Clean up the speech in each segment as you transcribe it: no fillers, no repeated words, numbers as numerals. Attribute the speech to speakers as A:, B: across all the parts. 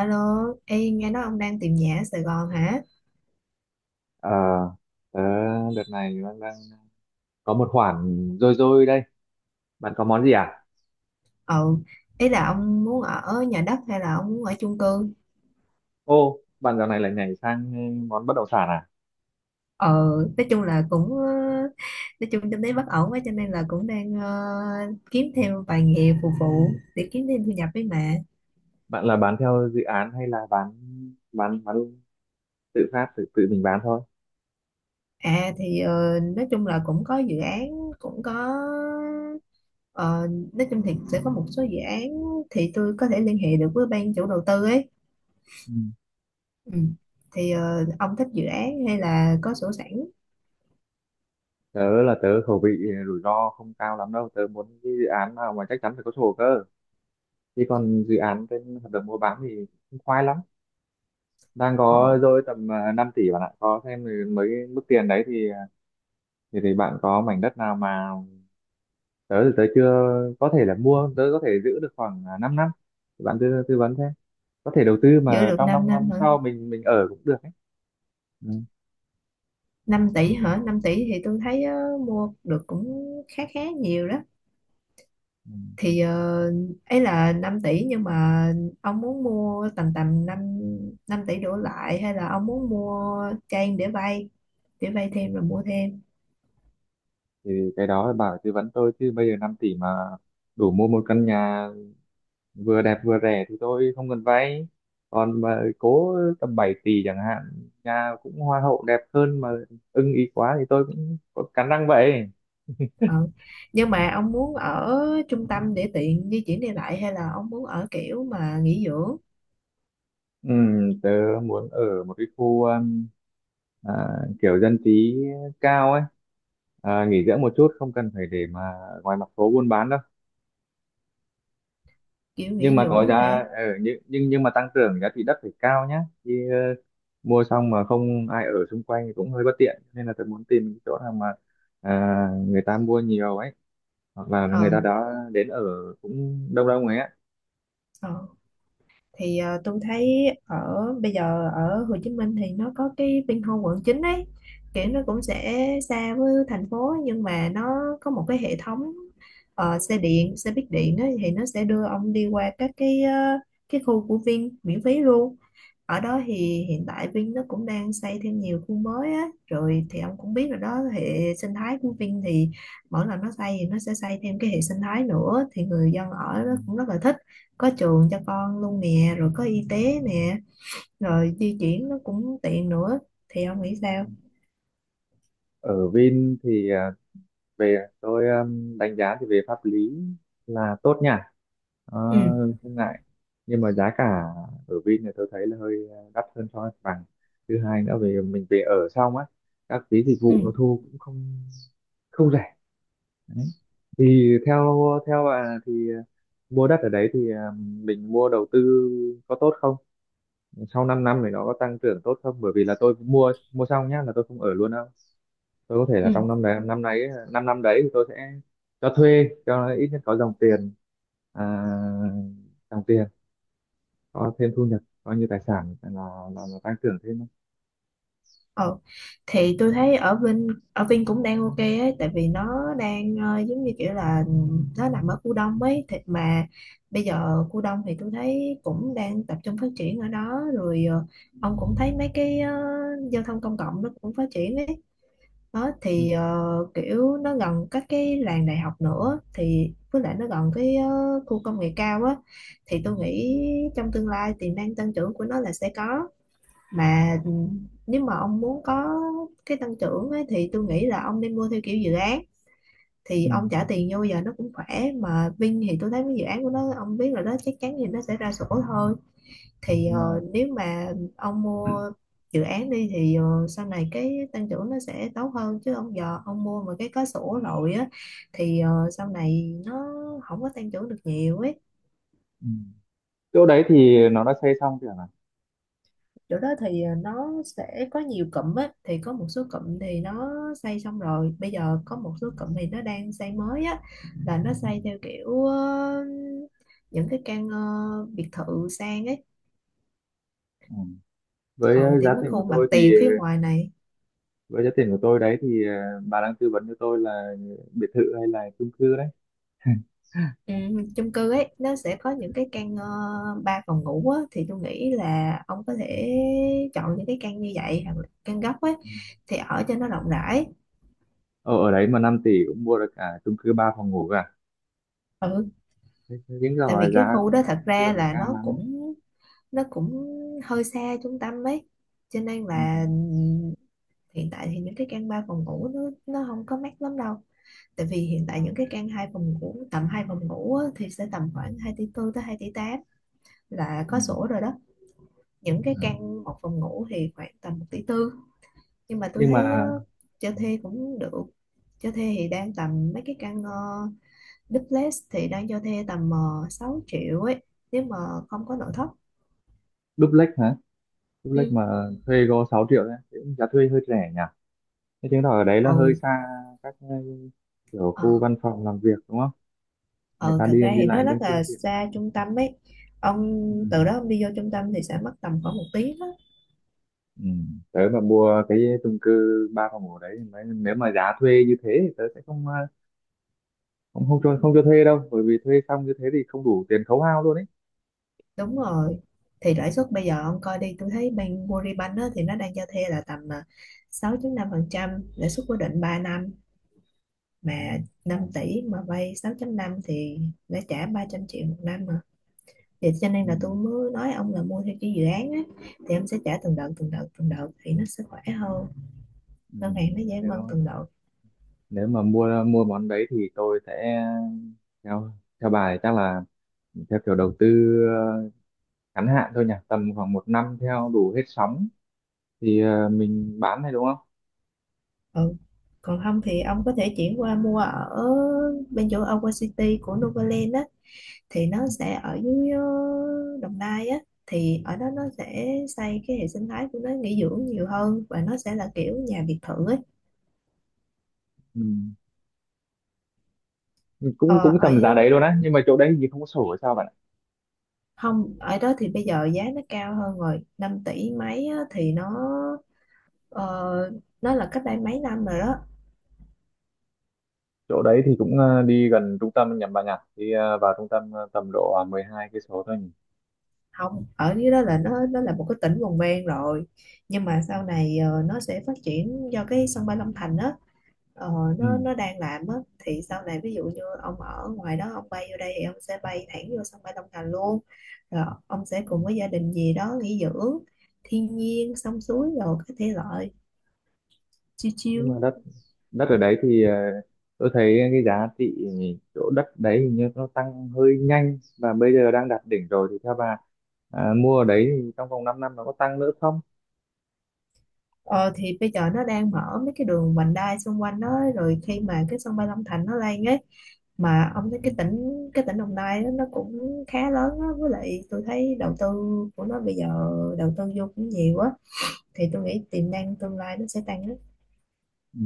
A: Alo, ê, nghe nói ông đang tìm nhà ở Sài Gòn hả?
B: Ờ, Tớ đợt này đang có một khoản dôi dôi đây. Bạn có món gì à?
A: Ừ, ý là ông muốn ở nhà đất hay là ông muốn ở chung cư?
B: Ô, bạn dạo này lại nhảy sang món bất động sản à?
A: Ừ, nói chung là nói chung kinh tế bất ổn quá cho nên là cũng đang kiếm thêm vài nghề phục vụ để kiếm thêm thu nhập với mẹ.
B: Bạn là bán theo dự án hay là bán tự phát tự tự mình bán thôi?
A: Nói chung là cũng có dự án, cũng có, ờ, nói chung thì sẽ có một số dự án thì tôi có thể liên hệ được với ban chủ đầu tư ấy.
B: Ừ.
A: Ừ. Ông thích dự án hay là có sổ sẵn?
B: Tớ khẩu vị rủi ro không cao lắm đâu. Tớ muốn cái dự án nào mà chắc chắn phải có sổ cơ. Chứ còn dự án trên hợp đồng mua bán thì cũng khoai lắm. Đang có
A: Ừ.
B: dôi tầm 5 tỷ bạn ạ. Có thêm mới mức tiền đấy thì bạn có mảnh đất nào mà tớ chưa có thể là mua, tớ có thể giữ được khoảng 5 năm năm. Bạn tư tư vấn thế, có thể đầu tư
A: Giữ
B: mà
A: được
B: trong
A: 5
B: 5
A: năm
B: năm
A: hả?
B: sau mình ở cũng được ấy. Ừ.
A: Năm tỷ hả? 5 tỷ thì tôi thấy mua được cũng khá khá nhiều đó.
B: Ừ.
A: thì ờ, Ấy là 5 tỷ nhưng mà ông muốn mua tầm tầm 5, 5 tỷ đổ lại hay là ông muốn mua trang để vay, để vay thêm rồi mua thêm?
B: thì cái đó là bảo tư vấn tôi, chứ bây giờ 5 tỷ mà đủ mua một căn nhà vừa đẹp vừa rẻ thì tôi không cần vay. Còn mà cố tầm 7 tỷ chẳng hạn, nhà cũng hoa hậu đẹp hơn mà ưng ý quá thì tôi cũng có cắn răng vậy.
A: Ờ. Nhưng mà ông muốn ở trung tâm để tiện di chuyển đi lại hay là ông muốn ở kiểu mà nghỉ dưỡng,
B: Ừ, tớ muốn ở một cái khu à, kiểu dân trí cao ấy, nghỉ dưỡng một chút, không cần phải để mà ngoài mặt phố buôn bán đâu.
A: kiểu
B: Nhưng
A: nghỉ
B: mà có
A: dưỡng hả?
B: giá, nhưng mà tăng trưởng giá trị đất phải cao nhá. Chứ mua xong mà không ai ở xung quanh thì cũng hơi bất tiện, nên là tớ muốn tìm cái chỗ nào mà à, người ta mua nhiều ấy, hoặc là người
A: Ờ.
B: ta đó đến ở cũng đông đông ấy á.
A: Ờ. Tôi thấy ở bây giờ ở Hồ Chí Minh thì nó có cái Vinhomes quận 9 ấy, kiểu nó cũng sẽ xa với thành phố nhưng mà nó có một cái hệ thống xe điện xe buýt điện đó, thì nó sẽ đưa ông đi qua các cái cái khu của Vin miễn phí luôn. Ở đó thì hiện tại Vin nó cũng đang xây thêm nhiều khu mới á, rồi thì ông cũng biết rồi đó, hệ sinh thái của Vin thì mỗi lần nó xây thì nó sẽ xây thêm cái hệ sinh thái nữa thì người dân
B: Ừ.
A: ở đó cũng rất là thích, có trường cho con luôn nè, rồi có y tế nè, rồi di chuyển nó cũng tiện nữa. Thì ông nghĩ sao?
B: Ở Vin thì về tôi đánh giá thì về pháp lý là tốt nha. Ờ,
A: Ừ.
B: không ngại, nhưng mà giá cả ở Vin này tôi thấy là hơi đắt hơn so với mặt bằng. Thứ hai nữa, về mình về ở xong á, các phí dịch vụ
A: Ừ.
B: nó thu cũng không không rẻ đấy. Thì theo theo bà thì mua đất ở đấy thì mình mua đầu tư có tốt không, sau 5 năm thì nó có tăng trưởng tốt không, bởi vì là tôi cũng mua mua xong nhá là tôi không ở luôn đâu. Tôi có thể là
A: Ừ.
B: trong năm đấy, năm nay ấy, năm năm đấy thì tôi sẽ cho thuê cho nó ít nhất có dòng tiền, à, dòng tiền, có thêm thu nhập, coi như tài sản là là tăng trưởng thêm thôi.
A: ờ thì tôi thấy ở Vin cũng đang ok ấy, tại vì nó đang giống như kiểu là nó nằm ở khu đông ấy, thì mà bây giờ khu đông thì tôi thấy cũng đang tập trung phát triển ở đó rồi. Ờ, ông cũng thấy mấy cái giao thông công cộng nó cũng phát triển ấy đó.
B: Ừ,
A: Kiểu nó gần các cái làng đại học nữa thì với lại nó gần cái khu công nghệ cao á, thì tôi
B: ừ,
A: nghĩ trong tương lai tiềm năng tăng trưởng của nó là sẽ có. Mà ừ, nếu mà ông muốn có cái tăng trưởng ấy, thì tôi nghĩ là ông nên mua theo kiểu dự án, thì
B: ừ,
A: ông trả tiền vô giờ nó cũng khỏe mà. Vin thì tôi thấy cái dự án của nó ông biết là nó chắc chắn gì nó sẽ ra sổ thôi.
B: đúng rồi.
A: Nếu mà ông mua dự án đi thì sau này cái tăng trưởng nó sẽ tốt hơn, chứ ông giờ ông mua mà cái có sổ rồi á thì sau này nó không có tăng trưởng được nhiều ấy.
B: Ừ. Chỗ đấy thì nó đã xây xong chưa hả?
A: Chỗ đó thì nó sẽ có nhiều cụm á, thì có một số cụm thì nó xây xong rồi, bây giờ có một số cụm thì nó đang xây mới á, là nó
B: Ừ.
A: xây theo kiểu những cái căn biệt thự sang ấy.
B: Ừ. với
A: Ừ,
B: ờ,
A: thì
B: giá
A: mấy
B: tiền của
A: khu mặt
B: tôi thì
A: tiền phía ngoài này.
B: với giá tiền của tôi đấy thì bà đang tư vấn cho tôi là biệt thự hay là chung cư đấy?
A: Ừ, chung cư ấy nó sẽ có những cái căn 3 phòng ngủ á, thì tôi nghĩ là ông có thể chọn những cái căn như vậy hoặc là căn góc ấy,
B: Ừ.
A: thì ở cho nó rộng rãi.
B: Ở ở đấy mà 5 tỷ cũng mua được cả chung cư 3 phòng ngủ.
A: Ừ,
B: Thế- thế Đúng
A: tại
B: rồi,
A: vì cái
B: giá
A: khu
B: cũng
A: đó thật
B: đang chưa
A: ra
B: phải
A: là
B: cao
A: nó
B: lắm.
A: cũng nó cũng hơi xa trung tâm ấy, cho nên
B: Ừ.
A: là hiện tại thì những cái căn 3 phòng ngủ nó không có mắc lắm đâu, tại vì hiện
B: Ừ.
A: tại những cái căn hai phòng ngủ tầm hai phòng ngủ á, thì sẽ tầm khoảng 2,4 tỷ tới 2,8 tỷ là
B: Ừ.
A: có sổ rồi đó. Những cái
B: Ừ.
A: căn một phòng ngủ thì khoảng tầm 1,4 tỷ, nhưng mà tôi
B: Nhưng
A: thấy
B: mà
A: cho thuê cũng được. Cho thuê thì đang tầm mấy cái căn duplex thì đang cho thuê tầm 6 triệu ấy, nếu mà không có nội thất.
B: duplex hả? Duplex
A: Ừ.
B: mà thuê có sáu triệu đấy thì cũng giá thuê hơi rẻ nhỉ? Thế chứng tỏ ở đấy là hơi
A: Ừ.
B: xa các kiểu khu
A: Ờ.
B: văn phòng làm việc đúng không? Người
A: Ờ,
B: ta
A: thật
B: đi
A: ra
B: đi
A: thì nó
B: lại đang
A: rất
B: chưa
A: là
B: tiện lắm.
A: xa trung tâm ấy. Ông
B: Ừ.
A: từ đó ông đi vô trung tâm thì sẽ mất tầm khoảng một tiếng á.
B: Ừ. Tớ mà mua cái chung cư ba phòng ngủ đấy nếu mà giá thuê như thế thì tớ sẽ không ờ, không không cho không cho thuê đâu, bởi vì thuê xong như thế thì không đủ tiền khấu hao luôn ấy.
A: Đúng rồi, thì lãi suất bây giờ ông coi đi, tôi thấy bên Agribank á, thì nó đang cho thuê là tầm à, 6,5%, lãi suất cố định 3 năm
B: Ừ.
A: mà. 5 tỷ mà vay 6.5 thì đã trả 300 triệu một năm mà, thì cho nên
B: Ừ.
A: là tôi mới nói ông là mua theo cái dự án á, thì em sẽ trả từng đợt từng đợt thì nó sẽ khỏe hơn,
B: Ừ.
A: ngân hàng nó giải ngân
B: Nếu
A: từng đợt.
B: nếu mà mua mua món đấy thì tôi sẽ theo theo bà thì chắc là theo kiểu đầu tư ờ, ngắn hạn thôi nhỉ, tầm khoảng một năm theo đủ hết sóng thì mình bán này đúng không?
A: Ừ. Còn không thì ông có thể chuyển qua mua ở bên chỗ Aqua City của Novaland á, thì nó sẽ ở dưới Đồng Nai á. Thì ở đó nó sẽ xây cái hệ sinh thái của nó nghỉ dưỡng nhiều hơn và nó sẽ là kiểu nhà biệt thự ấy.
B: Ừ. Cũng
A: Ờ,
B: cũng
A: ở
B: tầm giá đấy luôn á, nhưng mà chỗ đấy thì không có sổ hay sao bạn ạ?
A: Không, ở đó thì bây giờ giá nó cao hơn rồi, 5 tỷ mấy á, thì nó ờ, nó là cách đây mấy năm rồi đó.
B: Chỗ đấy thì cũng đi gần trung tâm nhầm bà nhỉ, đi vào trung tâm tầm độ 12 cây số thôi nhỉ?
A: Không, ở dưới đó là nó là một cái tỉnh vùng ven rồi, nhưng mà sau này nó sẽ phát triển do cái sân bay Long Thành á. ờ, nó
B: Ừ.
A: nó đang làm á, thì sau này ví dụ như ông ở ngoài đó ông bay vô đây thì ông sẽ bay thẳng vô sân bay Long Thành luôn, rồi ông sẽ
B: Ừ.
A: cùng với gia đình gì đó nghỉ dưỡng thiên nhiên sông suối rồi cái thể loại chill
B: Nhưng mà
A: chill.
B: đất đất ở đấy thì tôi thấy cái giá trị chỗ đất đấy hình như nó tăng hơi nhanh và bây giờ đang đạt đỉnh rồi, thì theo bà, mua ở đấy thì trong vòng 5 năm nó có tăng nữa không?
A: Ờ thì bây giờ nó đang mở mấy cái đường vành đai xung quanh đó rồi, khi mà cái sân bay Long Thành nó lên ấy. Mà ông thấy
B: Ừ.
A: cái tỉnh Đồng Nai đó, nó cũng khá lớn á, với lại tôi thấy đầu tư của nó bây giờ đầu tư vô cũng nhiều á, thì tôi nghĩ tiềm năng tương lai nó sẽ tăng á.
B: Ừ.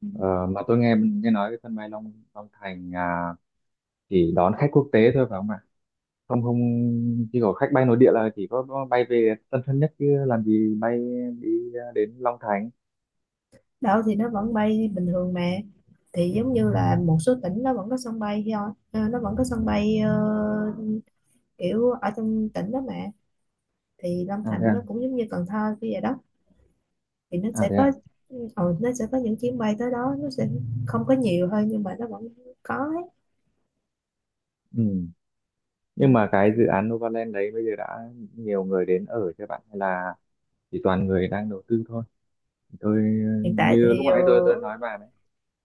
A: Ừ.
B: Ờ, mà tôi nghe nghe nói cái sân bay Long Long Thành à, chỉ đón khách quốc tế thôi phải không ạ? Không không, chỉ có khách bay nội địa là chỉ có bay về Tân Sơn Nhất, chứ làm gì bay đi đến Long Thành.
A: Đâu, thì nó vẫn bay bình thường mà. Thì giống như là một số tỉnh nó vẫn có sân bay thôi, nó vẫn có sân bay kiểu ở trong tỉnh đó mà. Thì Long
B: À thế
A: Thành
B: à.
A: nó cũng giống như Cần Thơ kia vậy đó, thì nó
B: À
A: sẽ
B: thế
A: có,
B: à.
A: ừ, nó sẽ có những chuyến bay tới đó, nó sẽ không có nhiều thôi nhưng mà nó vẫn có ấy.
B: Ừ.
A: Ừ.
B: Nhưng mà cái dự án Novaland đấy bây giờ đã nhiều người đến ở cho bạn hay là chỉ toàn người đang đầu tư thôi? Tôi
A: Hiện tại
B: như lúc
A: thì
B: nãy tôi nói bà đấy,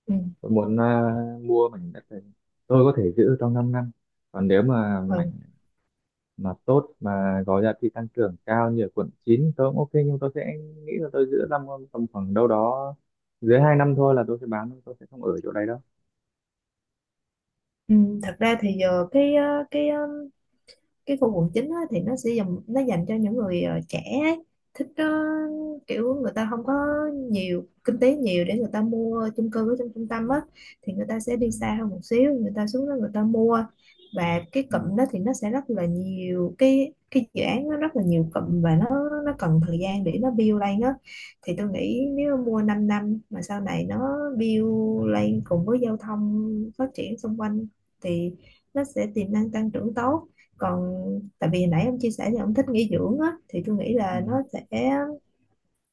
A: ừ,
B: tôi muốn mua mảnh đất này, tôi có thể giữ trong 5 năm. Còn nếu mà mảnh
A: ừ,
B: mà tốt mà có giá trị tăng trưởng cao như ở quận 9 tôi cũng ok, nhưng tôi sẽ nghĩ là tôi giữ tầm tầm khoảng đâu đó dưới 2 năm thôi là tôi sẽ bán, tôi sẽ không ở chỗ đấy đâu.
A: ừ, thật ra thì giờ cái cái khu quận chín á, thì nó sẽ dành, nó dành cho những người trẻ ấy, thích kiểu người ta không có nhiều kinh tế nhiều để người ta mua chung cư ở trong trung tâm á, thì người ta sẽ
B: Ừ.
A: đi xa hơn một xíu, người ta xuống đó người ta mua. Và cái
B: Ừ.
A: cụm đó thì nó sẽ rất là nhiều cái dự án, nó rất là nhiều cụm, và nó cần thời gian để nó build lên á. Thì tôi nghĩ nếu mua 5 năm năm mà sau này nó build lên cùng với giao thông phát triển xung quanh thì nó sẽ tiềm năng tăng trưởng tốt. Còn tại vì nãy ông chia sẻ thì ông thích nghỉ dưỡng á, thì tôi nghĩ
B: Ừ.
A: là nó sẽ,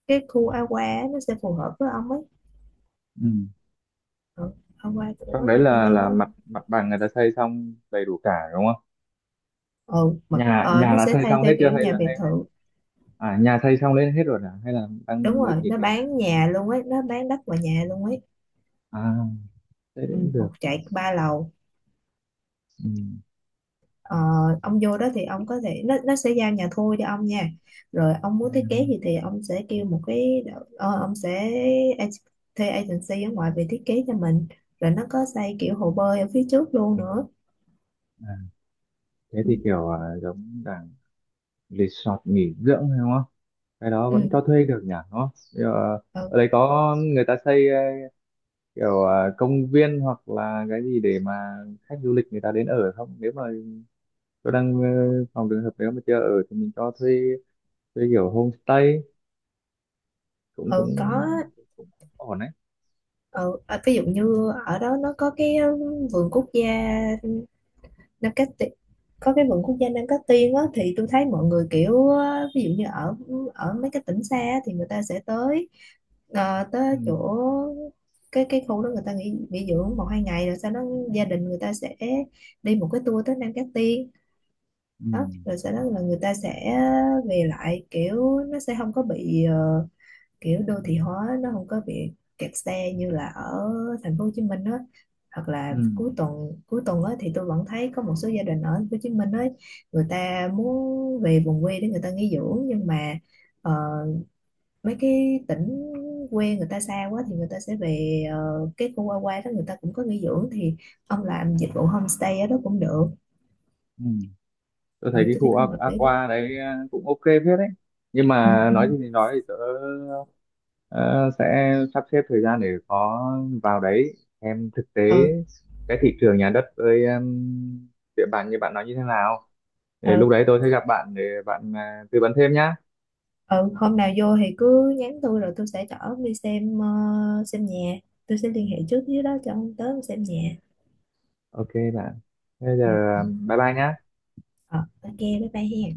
A: cái khu aqua á, nó sẽ phù hợp với ông ấy.
B: Ừ.
A: Ừ, Awa
B: Trong
A: của
B: đấy
A: Novaland
B: là
A: đó.
B: mặt mặt bằng người ta xây xong đầy đủ cả đúng không?
A: Ừ, mà
B: Nhà nhà
A: nó
B: đã
A: sẽ
B: xây
A: thay
B: xong
A: theo
B: hết chưa,
A: kiểu
B: hay
A: nhà
B: là
A: biệt
B: hay hay
A: thự.
B: à nhà xây xong đến hết rồi à, hay là
A: Đúng
B: đang mới
A: rồi,
B: chỉ
A: nó
B: để
A: bán nhà luôn ấy, nó bán đất và nhà luôn ấy.
B: à thế thì
A: Ừ,
B: cũng được.
A: một trệt ba lầu.
B: Ừ.
A: Ờ, ông vô đó thì ông có thể, nó sẽ giao nhà thô cho ông nha, rồi ông muốn thiết
B: Nhà
A: kế
B: thôi.
A: gì thì ông sẽ kêu một cái ông sẽ ag- thuê agency ở ngoài về thiết kế cho mình, rồi nó có xây kiểu hồ bơi ở phía trước luôn nữa.
B: À, thế
A: Ừ.
B: thì kiểu à, giống dạng resort nghỉ dưỡng hay không á? Cái đó
A: Ừ.
B: vẫn cho thuê được nhỉ đúng không? Bây giờ,
A: Ừ,
B: ở đấy có người ta xây kiểu công viên hoặc là cái gì để mà khách du lịch người ta đến ở không, nếu mà tôi đang phòng trường hợp nếu mà chưa ở thì mình cho thuê, thuê kiểu homestay cũng cũng
A: ừ có.
B: cũng ổn đấy.
A: Ừ, à, ví dụ như ở đó nó có cái vườn quốc gia Nam Cát Tiên, có cái vườn quốc gia Nam Cát Tiên á, thì tôi thấy mọi người kiểu á, ví dụ như ở ở mấy cái tỉnh xa á, thì người ta sẽ tới
B: Ừ.
A: tới chỗ cái khu đó, người ta nghỉ nghỉ dưỡng một hai ngày, rồi sau đó gia đình người ta sẽ đi một cái tour tới Nam Cát Tiên đó,
B: Ừ.
A: rồi sau đó là người ta sẽ về lại, kiểu nó sẽ không có bị kiểu đô thị hóa, nó không có bị kẹt xe như là ở thành phố Hồ Chí Minh á. Hoặc là
B: Ừ.
A: cuối tuần á thì tôi vẫn thấy có một số gia đình ở thành phố Hồ Chí Minh ấy, người ta muốn về vùng quê để người ta nghỉ dưỡng, nhưng mà ờ, mấy cái tỉnh quê người ta xa quá thì người ta sẽ về cái khu qua qua đó người ta cũng có nghỉ dưỡng, thì ông làm dịch vụ homestay ở đó cũng được.
B: Ừ. Tôi thấy
A: Ừ,
B: cái
A: tôi thấy
B: khu
A: cũng hợp lý đó.
B: Aqua đấy cũng ok phết đấy. Nhưng
A: Ừ,
B: mà
A: ừ.
B: nói gì thì nói thì tớ ờ, sẽ sắp xếp thời gian để có vào đấy em thực tế
A: Ừ,
B: cái thị trường nhà đất với địa bàn như bạn nói như thế nào, để lúc
A: ừ.
B: đấy tôi sẽ gặp bạn để bạn tư vấn thêm nhá.
A: Ừ, hôm nào vô thì cứ nhắn tôi, rồi tôi sẽ chở ông đi xem xem nhà, tôi sẽ liên hệ trước với đó cho ông tới ông xem nhà.
B: Ok bạn, bây giờ
A: Ừ. Ừ.
B: bye bye nhá.
A: Ờ, ok, bye bye hen.